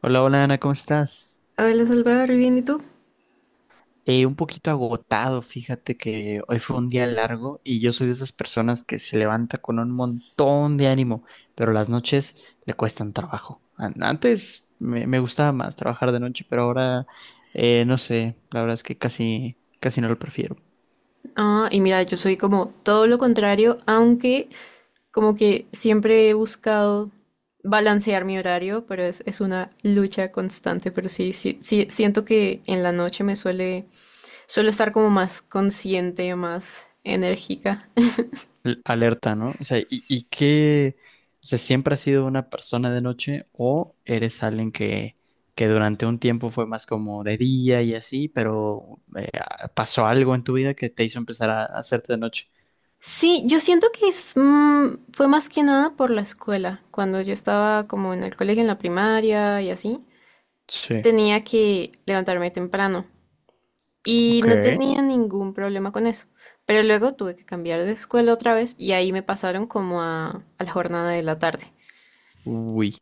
Hola, hola Ana, ¿cómo estás? Hola Salvador, ¿bien y tú? Un poquito agotado, fíjate que hoy fue un día largo y yo soy de esas personas que se levanta con un montón de ánimo, pero las noches le cuestan trabajo. Antes me gustaba más trabajar de noche, pero ahora no sé, la verdad es que casi no lo prefiero. Ah, y mira, yo soy como todo lo contrario, aunque como que siempre he buscado balancear mi horario, pero es una lucha constante, pero sí, sí, sí, siento que en la noche suelo estar como más consciente, más enérgica. Alerta, ¿no? O sea, y qué? O sea, ¿siempre has sido una persona de noche o eres alguien que durante un tiempo fue más como de día y así, pero pasó algo en tu vida que te hizo empezar a hacerte de noche? Sí, yo siento que fue más que nada por la escuela. Cuando yo estaba como en el colegio, en la primaria y así, Sí. tenía que levantarme temprano. Y no Ok. tenía ningún problema con eso. Pero luego tuve que cambiar de escuela otra vez y ahí me pasaron como a la jornada de la tarde. Uy.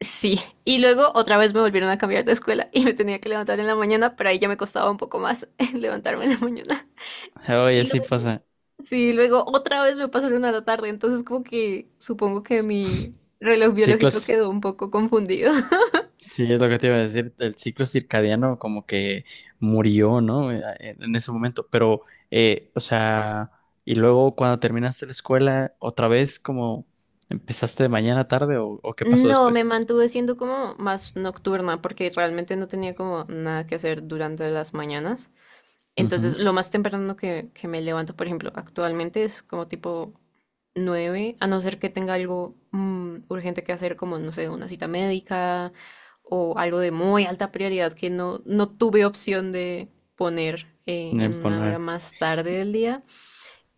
Sí, y luego otra vez me volvieron a cambiar de escuela y me tenía que levantar en la mañana, pero ahí ya me costaba un poco más levantarme en la mañana. Oye, Y sí luego, pasa. sí, luego otra vez me pasaron a la tarde, entonces como que supongo que mi reloj biológico Ciclos. quedó un poco confundido. Sí, es lo que te iba a decir, el ciclo circadiano como que murió, ¿no? En ese momento, pero, o sea, y luego cuando terminaste la escuela, otra vez como empezaste de mañana a tarde o ¿qué pasó No, me después? mantuve siendo como más nocturna porque realmente no tenía como nada que hacer durante las mañanas. Entonces, Ujú. lo más temprano que me levanto, por ejemplo, actualmente es como tipo 9, a no ser que tenga algo urgente que hacer, como, no sé, una cita médica o algo de muy alta prioridad que no tuve opción de poner en En una hora poner, más tarde del día.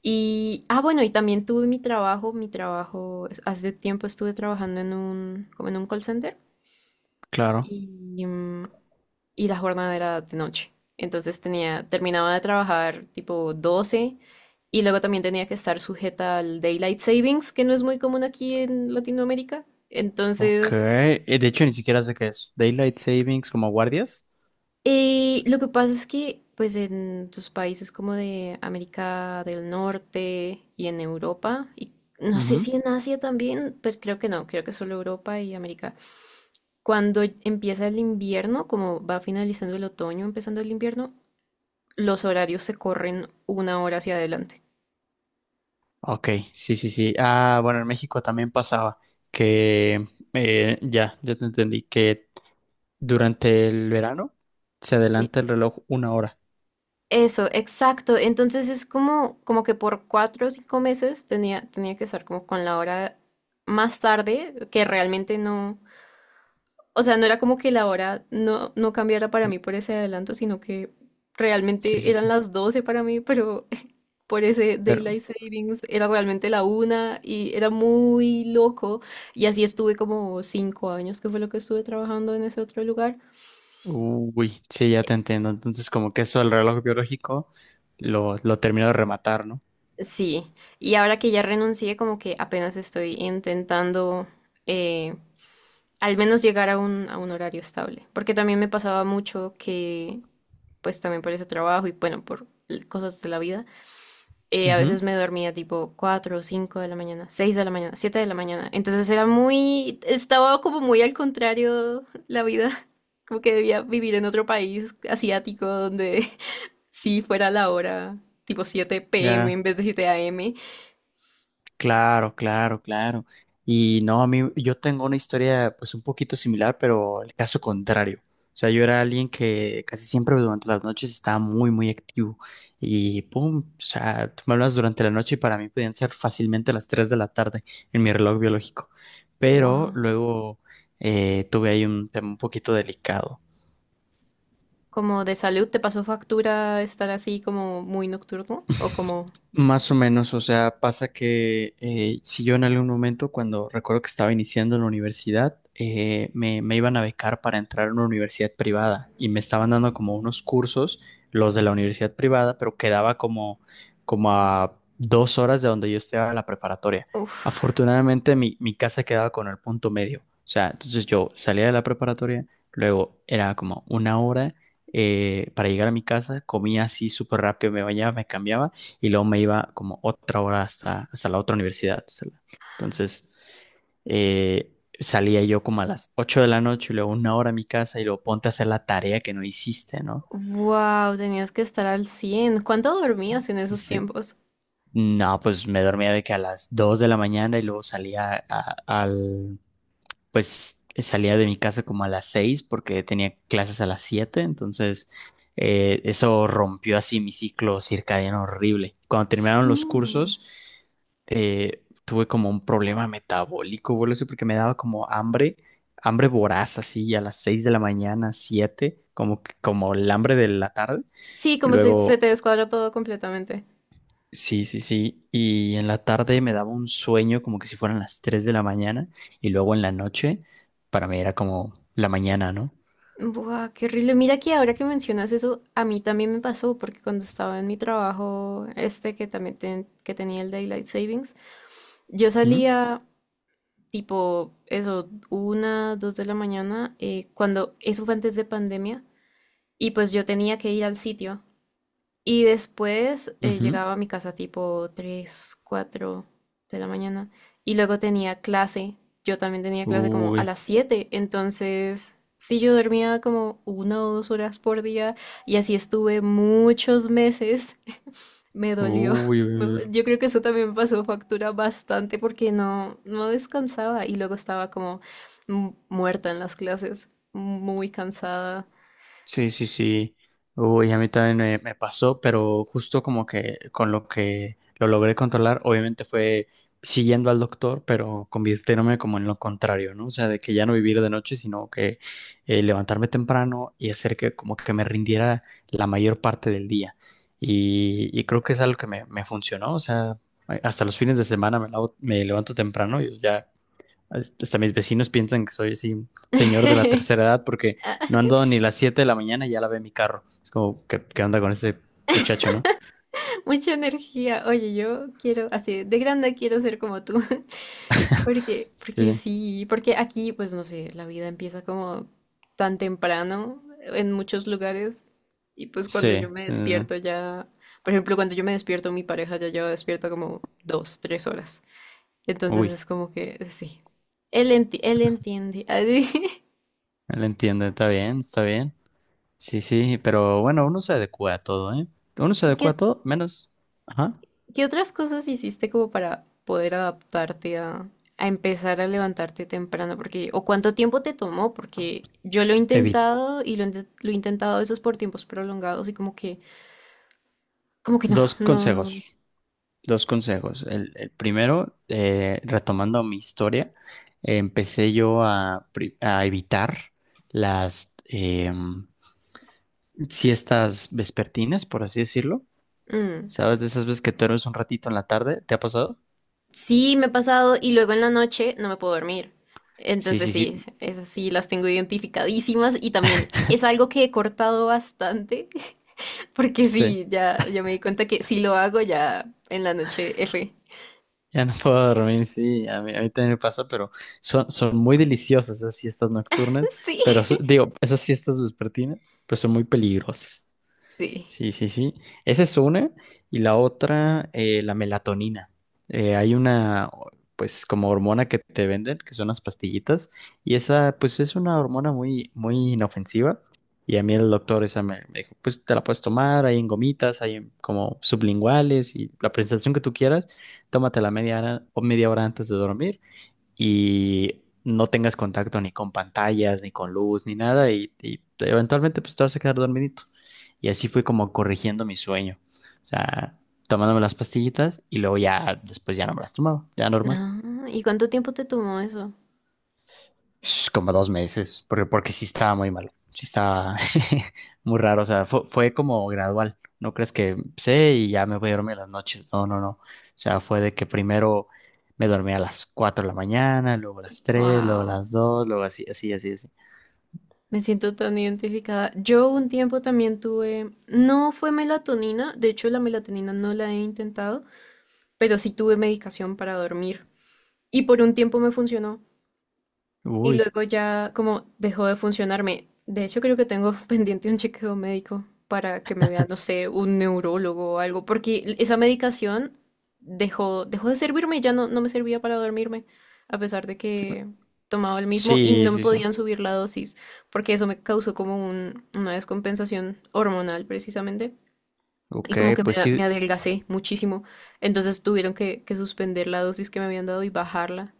Y, ah, bueno, y también tuve mi trabajo, hace tiempo estuve trabajando en como en un call center claro. y, y la jornada era de noche. Entonces terminaba de trabajar tipo 12 y luego también tenía que estar sujeta al Daylight Savings, que no es muy común aquí en Latinoamérica. Ok. Entonces, De hecho ni siquiera sé qué es, Daylight Savings como guardias. Lo que pasa es que pues en tus países como de América del Norte y en Europa, y no sé si en Asia también, pero creo que no, creo que solo Europa y América. Cuando empieza el invierno, como va finalizando el otoño, empezando el invierno, los horarios se corren una hora hacia adelante. Ok, sí, sí, sí. Ah, bueno, en México también pasaba que, ya te entendí, que durante el verano se Sí. adelanta el reloj una hora. Eso, exacto. Entonces es como que por 4 o 5 meses tenía que estar como con la hora más tarde, que realmente no, o sea, no era como que la hora no cambiara para mí por ese adelanto, sino que Sí, realmente sí, eran sí. las 12 para mí, pero por ese Pero, Daylight Savings era realmente la 1 y era muy loco. Y así estuve como 5 años, que fue lo que estuve trabajando en ese otro lugar. uy, sí, ya te entiendo. Entonces, como que eso el reloj biológico lo terminó de rematar, ¿no? Sí, y ahora que ya renuncié, como que apenas estoy intentando eh, al menos llegar a un horario estable, porque también me pasaba mucho que, pues también por ese trabajo y bueno, por cosas de la vida, a Ujú. veces me dormía tipo 4 o 5 de la mañana, 6 de la mañana, 7 de la mañana, entonces era estaba como muy al contrario la vida, como que debía vivir en otro país asiático donde sí fuera la hora tipo 7 p.m. Ya. en vez de 7 a.m. Claro, claro, claro. Y no, a mí, yo tengo una historia pues un poquito similar, pero el caso contrario. O sea, yo era alguien que casi siempre durante las noches estaba muy, muy activo. Y pum, o sea, tú me hablas durante la noche y para mí podían ser fácilmente las 3 de la tarde en mi reloj biológico. Pero Wow. luego tuve ahí un tema un poquito delicado. ¿Como de salud te pasó factura estar así como muy nocturno? ¿O como... Más o menos, o sea, pasa que si yo en algún momento, cuando recuerdo que estaba iniciando en la universidad, me iban a becar para entrar a una universidad privada y me estaban dando como unos cursos, los de la universidad privada, pero quedaba como, como a dos horas de donde yo estaba en la preparatoria. Uf. Afortunadamente, mi casa quedaba con el punto medio, o sea, entonces yo salía de la preparatoria, luego era como una hora para llegar a mi casa, comía así súper rápido, me bañaba, me cambiaba y luego me iba como otra hora hasta la otra universidad. Entonces, eh, salía yo como a las 8 de la noche y luego una hora a mi casa y luego ponte a hacer la tarea que no hiciste, ¿no? Wow, tenías que estar al 100. ¿Cuánto dormías en Sí, esos sí. tiempos? No, pues me dormía de que a las 2 de la mañana y luego pues salía de mi casa como a las seis porque tenía clases a las siete, entonces eso rompió así mi ciclo circadiano horrible. Cuando terminaron los Sí. cursos, tuve como un problema metabólico, güey, eso porque me daba como hambre, hambre voraz así a las 6 de la mañana, 7 como, como el hambre de la tarde. Sí, como se te Luego descuadra todo completamente. sí, sí, sí. Y en la tarde me daba un sueño como que si fueran las 3 de la mañana y luego en la noche para mí era como la mañana, ¿no? Buah, qué horrible. Mira que ahora que mencionas eso, a mí también me pasó, porque cuando estaba en mi trabajo, este que también que tenía el Daylight Savings, yo ¿Mm? salía tipo eso, 1, 2 de la mañana, cuando eso fue antes de pandemia, y pues yo tenía que ir al sitio. Y después Ujú. llegaba a mi casa tipo 3 4 de la mañana. Y luego tenía clase. Yo también tenía clase como a Uy, las siete Entonces, sí, yo dormía como 1 o 2 horas por día. Y así estuve muchos meses. Me dolió. uy, uy. Yo creo que eso también me pasó factura bastante porque no descansaba. Y luego estaba como muerta en las clases. Muy Uy. cansada. Sí, sí, sí. Uy, a mí también me pasó, pero justo como que con lo que lo logré controlar, obviamente fue siguiendo al doctor, pero convirtiéndome como en lo contrario, ¿no? O sea, de que ya no vivir de noche, sino que levantarme temprano y hacer que como que me rindiera la mayor parte del día. Y creo que es algo que me funcionó, o sea, hasta los fines de semana me levanto temprano y ya este, hasta mis vecinos piensan que soy así, señor de la tercera edad, porque no ando ni las 7 de la mañana y ya la ve mi carro. Es como, ¿qué, qué onda con ese muchacho, no? Mucha energía. Oye, yo quiero, así, de grande quiero ser como tú. Porque Sí, sí, porque aquí, pues no sé, la vida empieza como tan temprano en muchos lugares. Y pues cuando sí, yo me sí, sí. Sí. despierto ya, por ejemplo, cuando yo me despierto, mi pareja ya lleva despierta como 2, 3 horas. Entonces Uy, es como que, sí, él entiende. él entiende, está bien, está bien. Sí, sí, pero bueno, uno se adecua a todo, ¿eh? Uno se ¿Y adecua qué a todo, menos. Ajá. ¿Qué otras cosas hiciste como para poder adaptarte a empezar a levantarte temprano? Porque, o cuánto tiempo te tomó, porque yo lo he Evit. intentado y lo he intentado a veces por tiempos prolongados y como que no, Dos no, no. consejos, dos consejos. El primero, retomando mi historia, empecé yo a evitar las. Siestas vespertinas, por así decirlo. Mm. ¿Sabes? De esas veces que te duermes un ratito en la tarde, ¿te ha pasado? Sí, me ha pasado y luego en la noche no me puedo dormir. Sí, Entonces sí, sí, sí, esas sí las tengo identificadísimas y también es algo que he cortado bastante, porque sí. sí, ya me di cuenta que si lo hago ya en la noche F. Ya no puedo dormir, sí, a mí también me pasa, pero son, son muy deliciosas esas siestas nocturnas, Sí, pero digo, esas siestas vespertinas, pero son muy peligrosas. sí. Sí, sí, sí. Esa es una. Y la otra, la melatonina. Hay una, pues, como hormona que te venden, que son las pastillitas. Y esa, pues, es una hormona muy, muy inofensiva. Y a mí el doctor esa me dijo, pues, te la puedes tomar, hay en gomitas, hay en como sublinguales y la presentación que tú quieras. Tómatela media hora o media hora antes de dormir y no tengas contacto ni con pantallas, ni con luz, ni nada, y eventualmente pues te vas a quedar dormidito. Y así fui como corrigiendo mi sueño. O sea, tomándome las pastillitas y luego ya, después ya no me las tomaba, ya normal. Ah, ¿y cuánto tiempo te tomó eso? Sh, como dos meses, porque, porque sí estaba muy malo, sí estaba muy raro, o sea, fue, fue como gradual, no crees que sé y ya me voy a dormir en las noches, no, no, no, o sea, fue de que primero me dormí a las 4 de la mañana, luego a las tres luego a Wow, las dos luego así, así, así, así. me siento tan identificada. Yo un tiempo también tuve, no fue melatonina, de hecho la melatonina no la he intentado, pero sí tuve medicación para dormir y por un tiempo me funcionó. Y Uy, luego ya como dejó de funcionarme. De hecho, creo que tengo pendiente un chequeo médico para que me vea, no sé, un neurólogo o algo, porque esa medicación dejó de servirme y ya no me servía para dormirme, a pesar de que tomaba el mismo y sí, no me sí, sí, podían subir la dosis, porque eso me causó como una descompensación hormonal precisamente. Y ok, como que me, pues me sí, adelgacé muchísimo. Entonces tuvieron que suspender la dosis que me habían dado y bajarla.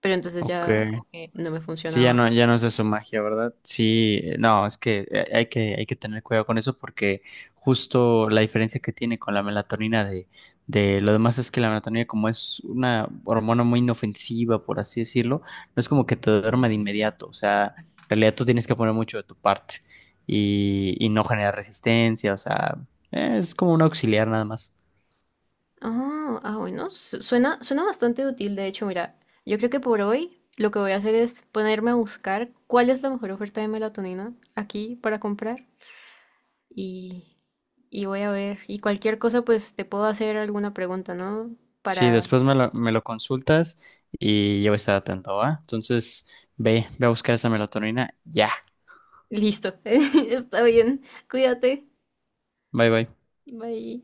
Pero entonces ok. ya como que no me Sí, ya funcionaba. no, ya no hace su magia, ¿verdad? Sí, no, es que hay hay que tener cuidado con eso porque justo la diferencia que tiene con la melatonina de lo demás es que la melatonina como es una hormona muy inofensiva, por así decirlo, no es como que te duerma de inmediato, o sea, en realidad tú tienes que poner mucho de tu parte y no generar resistencia, o sea, es como un auxiliar nada más. Ah, bueno, suena bastante útil. De hecho, mira, yo creo que por hoy lo que voy a hacer es ponerme a buscar cuál es la mejor oferta de melatonina aquí para comprar y, y voy a ver. Y cualquier cosa, pues te puedo hacer alguna pregunta, ¿no? Sí, Para... después me lo consultas y yo voy a estar atento, ¿va? Entonces, ve, ve a buscar esa melatonina ya. Listo. Está bien. Cuídate. Bye, bye. Bye.